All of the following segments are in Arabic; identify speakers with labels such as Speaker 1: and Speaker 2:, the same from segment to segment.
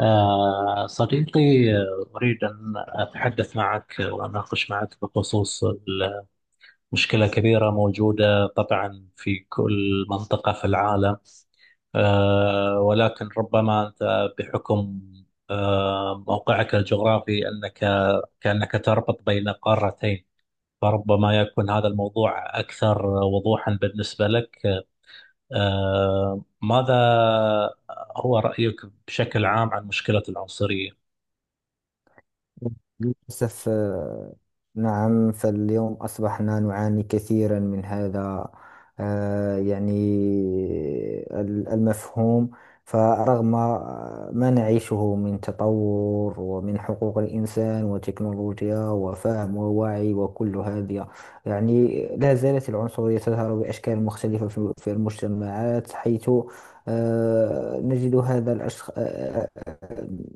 Speaker 1: صديقي. أريد أن أتحدث معك وأناقش معك بخصوص مشكلة كبيرة موجودة طبعا في كل منطقة في العالم، ولكن ربما أنت بحكم موقعك الجغرافي، أنك كأنك تربط بين قارتين، فربما يكون هذا الموضوع أكثر وضوحا بالنسبة لك. ماذا هو رأيك بشكل عام عن مشكلة العنصرية؟
Speaker 2: للأسف نعم، فاليوم أصبحنا نعاني كثيرا من هذا. يعني المفهوم، فرغم ما نعيشه من تطور ومن حقوق الإنسان وتكنولوجيا وفهم ووعي وكل هذه، يعني لا زالت العنصرية تظهر بأشكال مختلفة في المجتمعات، حيث نجد هذا الأشخاص.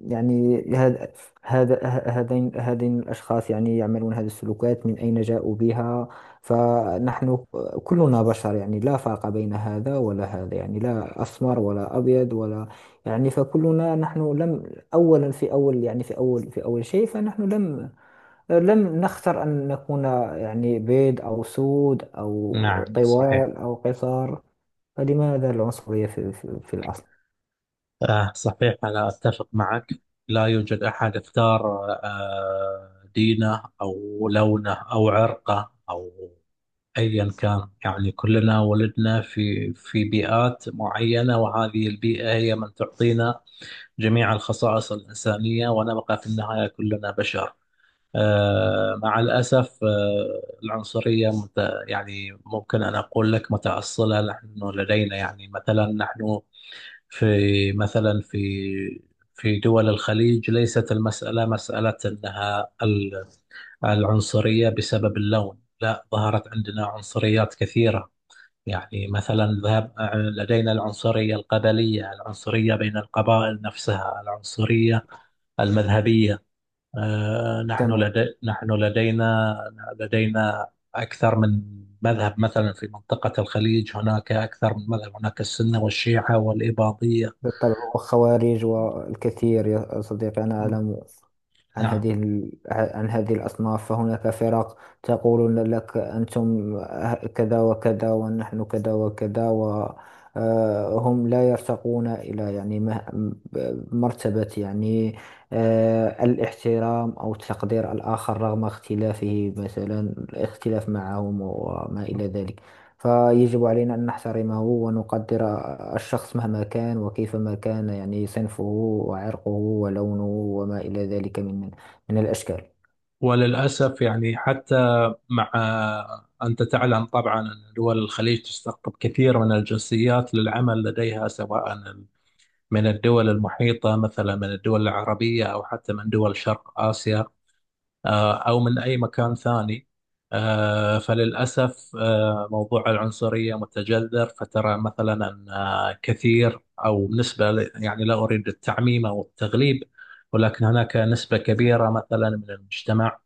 Speaker 2: يعني هذا هذين الأشخاص، يعني يعملون هذه السلوكات، من أين جاءوا بها؟ فنحن كلنا بشر، يعني لا فرق بين هذا ولا هذا، يعني لا أسمر ولا أبيض ولا، يعني فكلنا نحن لم، أولا في أول، يعني في أول شيء، فنحن لم نختر أن نكون يعني بيض أو سود أو
Speaker 1: نعم صحيح.
Speaker 2: طوال أو قصار. فلماذا العنصرية في الأصل؟
Speaker 1: آه صحيح، أنا أتفق معك. لا يوجد أحد اختار آه دينه أو لونه أو عرقه أو أيا كان، يعني كلنا ولدنا في بيئات معينة، وهذه البيئة هي من تعطينا جميع الخصائص الإنسانية، ونبقى في النهاية كلنا بشر. آه مع الأسف آه العنصرية يعني ممكن أن أقول لك متأصلة. نحن لدينا، يعني مثلا نحن في، مثلا في، في دول الخليج، ليست المسألة مسألة أنها العنصرية بسبب اللون، لا، ظهرت عندنا عنصريات كثيرة، يعني مثلا ذهب، لدينا العنصرية القبلية، العنصرية بين القبائل نفسها، العنصرية المذهبية.
Speaker 2: تمام.
Speaker 1: نحن لدينا، لدينا أكثر من مذهب، مثلا في منطقة الخليج هناك أكثر من مذهب، هناك السنة والشيعة والإباضية.
Speaker 2: بالطبع، والخوارج والكثير يا صديقي، أنا أعلم عن
Speaker 1: نعم.
Speaker 2: عن هذه الأصناف، فهناك فرق تقول لك: أنتم كذا وكذا، ونحن كذا وكذا، وهم لا يرتقون إلى يعني مرتبة، يعني الاحترام أو تقدير الآخر رغم اختلافه، مثلا الاختلاف معهم وما إلى ذلك. فيجب علينا أن نحترمه ونقدر الشخص مهما كان وكيفما كان، يعني صنفه وعرقه ولونه وما إلى ذلك من الأشكال.
Speaker 1: وللأسف يعني حتى مع، أنت تعلم طبعا أن دول الخليج تستقطب كثير من الجنسيات للعمل لديها، سواء من الدول المحيطة، مثلا من الدول العربية، أو حتى من دول شرق آسيا، أو من أي مكان ثاني. فللأسف، موضوع العنصرية متجذر، فترى مثلا أن كثير أو نسبة يعني لا أريد التعميم أو التغليب، ولكن هناك نسبة كبيرة مثلا من المجتمع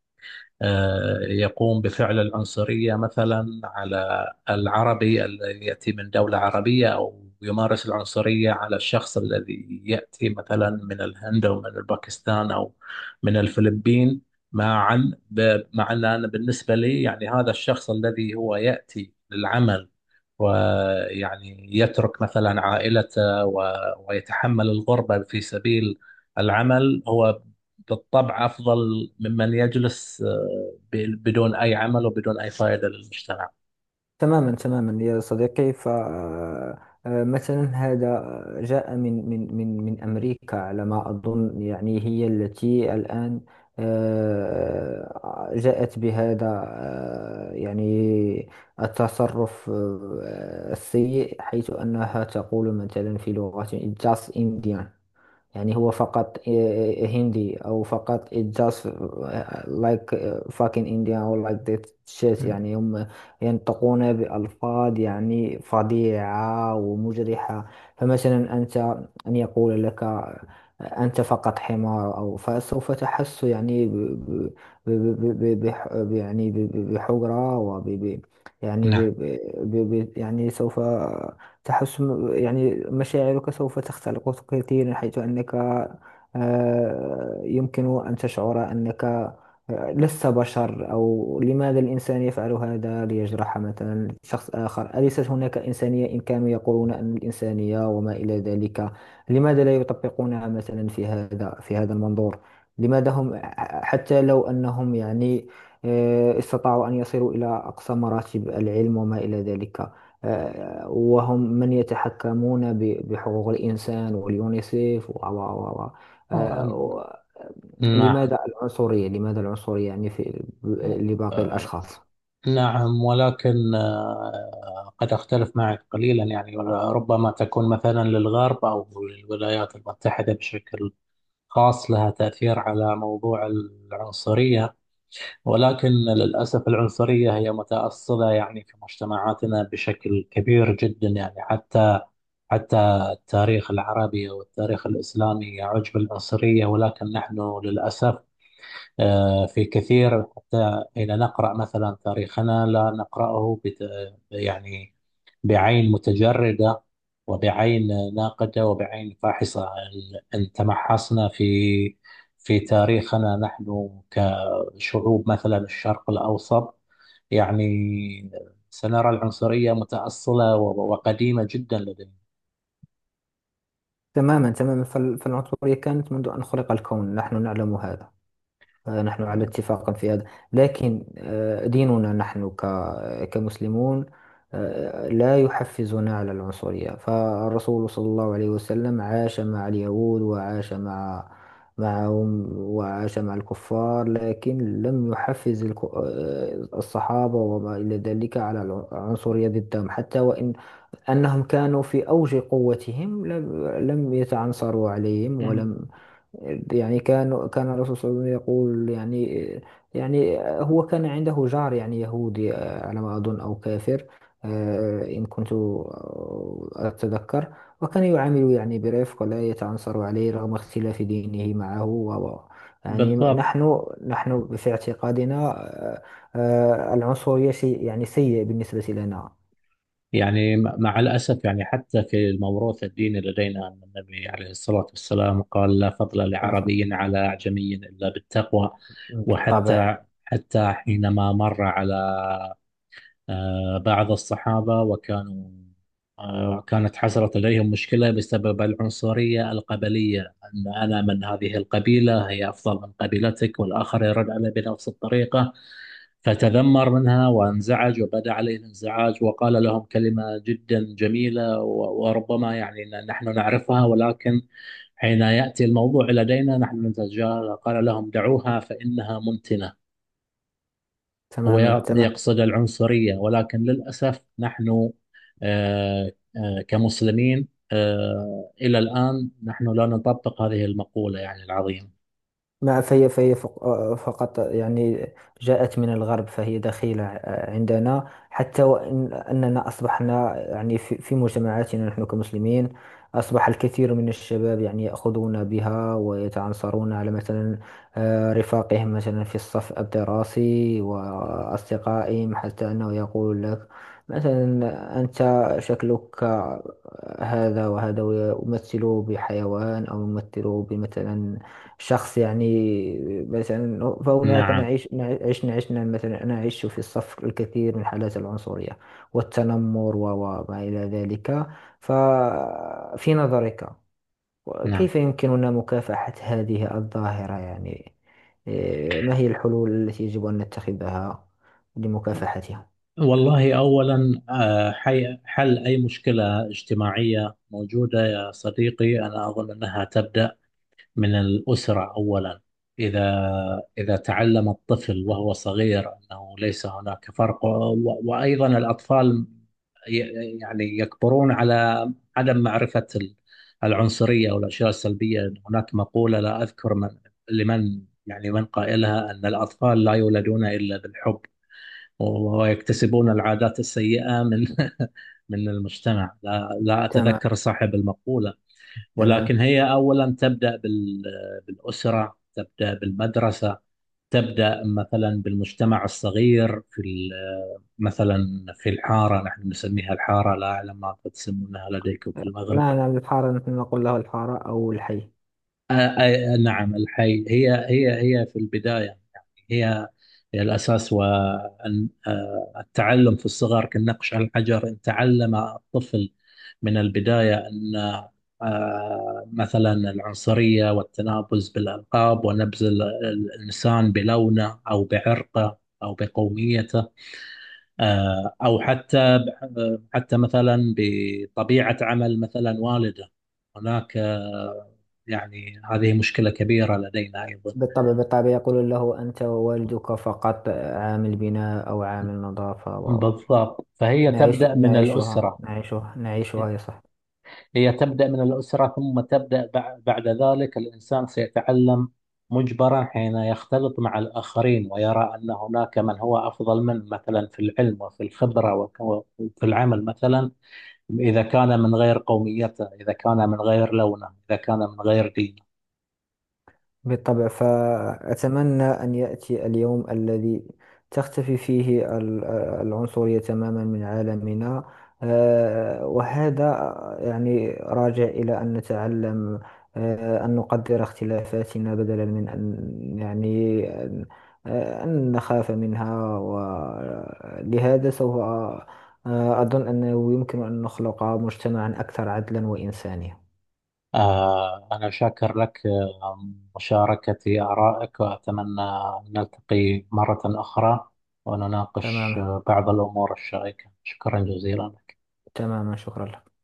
Speaker 1: يقوم بفعل العنصرية، مثلا على العربي الذي يأتي من دولة عربية، أو يمارس العنصرية على الشخص الذي يأتي مثلا من الهند أو من باكستان أو من الفلبين. معا مع أن أنا بالنسبة لي يعني هذا الشخص الذي هو يأتي للعمل ويعني يترك مثلا عائلته ويتحمل الغربة في سبيل العمل، هو بالطبع أفضل ممن يجلس بدون أي عمل وبدون أي فائدة للمجتمع.
Speaker 2: تماما تماما يا صديقي. ف آه، آه، مثلا هذا جاء من أمريكا على ما أظن، يعني هي التي الآن جاءت بهذا يعني التصرف السيء، حيث أنها تقول مثلا في لغة: just Indian، يعني هو فقط هندي، أو فقط it just like fucking Indian or like that shit. يعني هم ينطقون بألفاظ يعني فظيعة ومجرحة. فمثلا أنت، أن يقول لك: أنت فقط حمار، أو فسوف تحس يعني ب ب ب ب ب بح- يعني ب- ب- بحجرة، وب ب- يعني ب
Speaker 1: نعم.
Speaker 2: ب ب ب- يعني سوف تحسن يعني مشاعرك، سوف تختلق كثيرا، حيث أنك يمكن أن تشعر أنك لست بشر. أو لماذا الإنسان يفعل هذا ليجرح مثلا شخص آخر؟ أليست هناك إنسانية؟ إن كانوا يقولون أن الإنسانية وما إلى ذلك، لماذا لا يطبقونها مثلا في هذا، في هذا المنظور؟ لماذا هم، حتى لو أنهم يعني استطاعوا أن يصلوا إلى أقصى مراتب العلم وما إلى ذلك، وهم من يتحكمون بحقوق الإنسان واليونيسيف و و و و
Speaker 1: آه،
Speaker 2: آه، و-
Speaker 1: نعم.
Speaker 2: لماذا العنصرية، لماذا العنصرية يعني في لباقي الأشخاص؟
Speaker 1: نعم ولكن، قد أختلف معك قليلا، يعني ربما تكون مثلا للغرب أو للولايات المتحدة بشكل خاص لها تأثير على موضوع العنصرية، ولكن للأسف العنصرية هي متأصلة يعني في مجتمعاتنا بشكل كبير جدا، يعني حتى، حتى التاريخ العربي والتاريخ الإسلامي يعج بالعنصرية، ولكن نحن للأسف في كثير، حتى حين نقرأ مثلا تاريخنا لا نقرأه يعني بعين متجردة وبعين ناقدة وبعين فاحصة. إن تمحصنا في في تاريخنا نحن كشعوب، مثلا الشرق الأوسط، يعني سنرى العنصرية متأصلة وقديمة جدا.
Speaker 2: تماما تماما، فالعنصرية كانت منذ أن خلق الكون، نحن نعلم هذا. نحن على
Speaker 1: لدينا
Speaker 2: اتفاق في هذا. لكن ديننا، نحن كمسلمون، لا يحفزنا على العنصرية. فالرسول صلى الله عليه وسلم عاش مع اليهود، وعاش معهم، وعاش مع الكفار، لكن لم يحفز الصحابة وما إلى ذلك على العنصرية ضدهم، حتى وإن أنهم كانوا في أوج قوتهم، لم يتعنصروا عليهم ولم، يعني كان الرسول صلى الله عليه وسلم يقول، يعني يعني هو كان عنده جار يعني يهودي، على ما أظن، أو كافر، إن كنت أتذكر، وكان يعامله يعني برفق، ولا يتعنصر عليه رغم اختلاف دينه معه يعني
Speaker 1: بالضبط،
Speaker 2: نحن في اعتقادنا، العنصرية شيء يعني سيء بالنسبة لنا.
Speaker 1: يعني مع الأسف يعني، حتى في الموروث الديني لدينا أن النبي عليه الصلاة والسلام قال: لا فضل لعربي على أعجمي إلا بالتقوى.
Speaker 2: بالطبع.
Speaker 1: وحتى، حتى حينما مر على بعض الصحابة، وكانوا كانت حصلت لديهم مشكلة بسبب العنصرية القبلية، أن أنا من هذه القبيلة هي أفضل من قبيلتك، والآخر يرد علي بنفس الطريقة، فتذمر منها وانزعج وبدا عليه الانزعاج، وقال لهم كلمة جدا جميلة وربما يعني نحن نعرفها، ولكن حين يأتي الموضوع لدينا نحن نتجاهلها، قال لهم: دعوها فإنها منتنة. هو
Speaker 2: تماما تماما.
Speaker 1: يقصد العنصرية، ولكن للأسف نحن آه، كمسلمين، إلى الآن نحن لا نطبق هذه المقولة يعني العظيمة.
Speaker 2: ما فهي فهي فق- آه، فقط، يعني جاءت من الغرب، فهي دخيلة عندنا. حتى وإن أننا أصبحنا يعني في مجتمعاتنا نحن كمسلمين، أصبح الكثير من الشباب يعني يأخذون بها ويتعنصرون على، مثلا رفاقهم مثلا في الصف الدراسي وأصدقائهم، حتى أنه يقول لك مثلا: أنت شكلك هذا وهذا، ويمثله بحيوان أو يمثله بمثلا شخص يعني، مثلا فهناك
Speaker 1: نعم.
Speaker 2: نعيش، عشنا مثلا، أنا أعيش في الصف الكثير من حالات العنصرية والتنمر وما إلى ذلك. ففي نظرك،
Speaker 1: نعم.
Speaker 2: كيف يمكننا مكافحة هذه الظاهرة؟ يعني إيه، ما هي الحلول التي يجب أن نتخذها لمكافحتها؟
Speaker 1: والله أولا، حل أي مشكلة اجتماعية موجودة، يا صديقي، أنا أظن أنها تبدأ من الأسرة أولا. إذا إذا تعلم الطفل وهو صغير أنه ليس هناك فرق، وأيضا الأطفال يعني يكبرون على عدم معرفة العنصرية والأشياء السلبية. هناك مقولة لا أذكر لمن، يعني من قائلها، أن الأطفال لا يولدون إلا بالحب، ويكتسبون العادات السيئة من من المجتمع. لا
Speaker 2: تمام.
Speaker 1: أتذكر صاحب المقولة، ولكن
Speaker 2: تمام.
Speaker 1: هي أولا تبدأ بالأسرة، تبدأ بالمدرسة، تبدأ مثلا بالمجتمع الصغير في مثلا في الحارة. نحن نسميها الحارة، لا أعلم ما تسمونها لديكم في المغرب.
Speaker 2: نعم، نعم، الحارة، نحن نقول له الحارة أو الحي.
Speaker 1: نعم، الحي. هي هي في البداية، يعني هي هي الأساس. والتعلم في الصغر كالنقش على الحجر. إن تعلم الطفل من البداية أن مثلا العنصرية والتنابز بالألقاب ونبذ الإنسان بلونه أو بعرقه أو بقوميته، أو حتى، حتى مثلا بطبيعة عمل مثلا والده، هناك يعني هذه مشكلة كبيرة لدينا أيضا.
Speaker 2: بالطبع، بالطبع، يقول له: أنت ووالدك فقط عامل البناء أو عامل النظافة
Speaker 1: بالضبط، فهي
Speaker 2: نعيش،
Speaker 1: تبدأ من
Speaker 2: نعيشها،
Speaker 1: الأسرة.
Speaker 2: نعيشها، نعيشها يا صاحبي.
Speaker 1: هي تبدأ من الأسرة، ثم تبدأ بعد ذلك الإنسان سيتعلم مجبرا حين يختلط مع الآخرين ويرى أن هناك من هو أفضل منه، مثلا في العلم وفي الخبرة وفي العمل مثلا، إذا كان من غير قوميته، إذا كان من غير لونه، إذا كان من غير دينه.
Speaker 2: بالطبع، فأتمنى أن يأتي اليوم الذي تختفي فيه العنصرية تماما من عالمنا. وهذا يعني راجع إلى أن نتعلم، أن نقدر اختلافاتنا بدلا من أن يعني أن أن نخاف منها. ولهذا سوف أظن أنه يمكن أن نخلق مجتمعا أكثر عدلا وإنسانية.
Speaker 1: آه أنا شاكر لك مشاركتي آرائك، وأتمنى أن نلتقي مرة أخرى ونناقش
Speaker 2: تماما.
Speaker 1: بعض الأمور الشائكة. شكرا جزيلا لك.
Speaker 2: تماما، شكرا لك.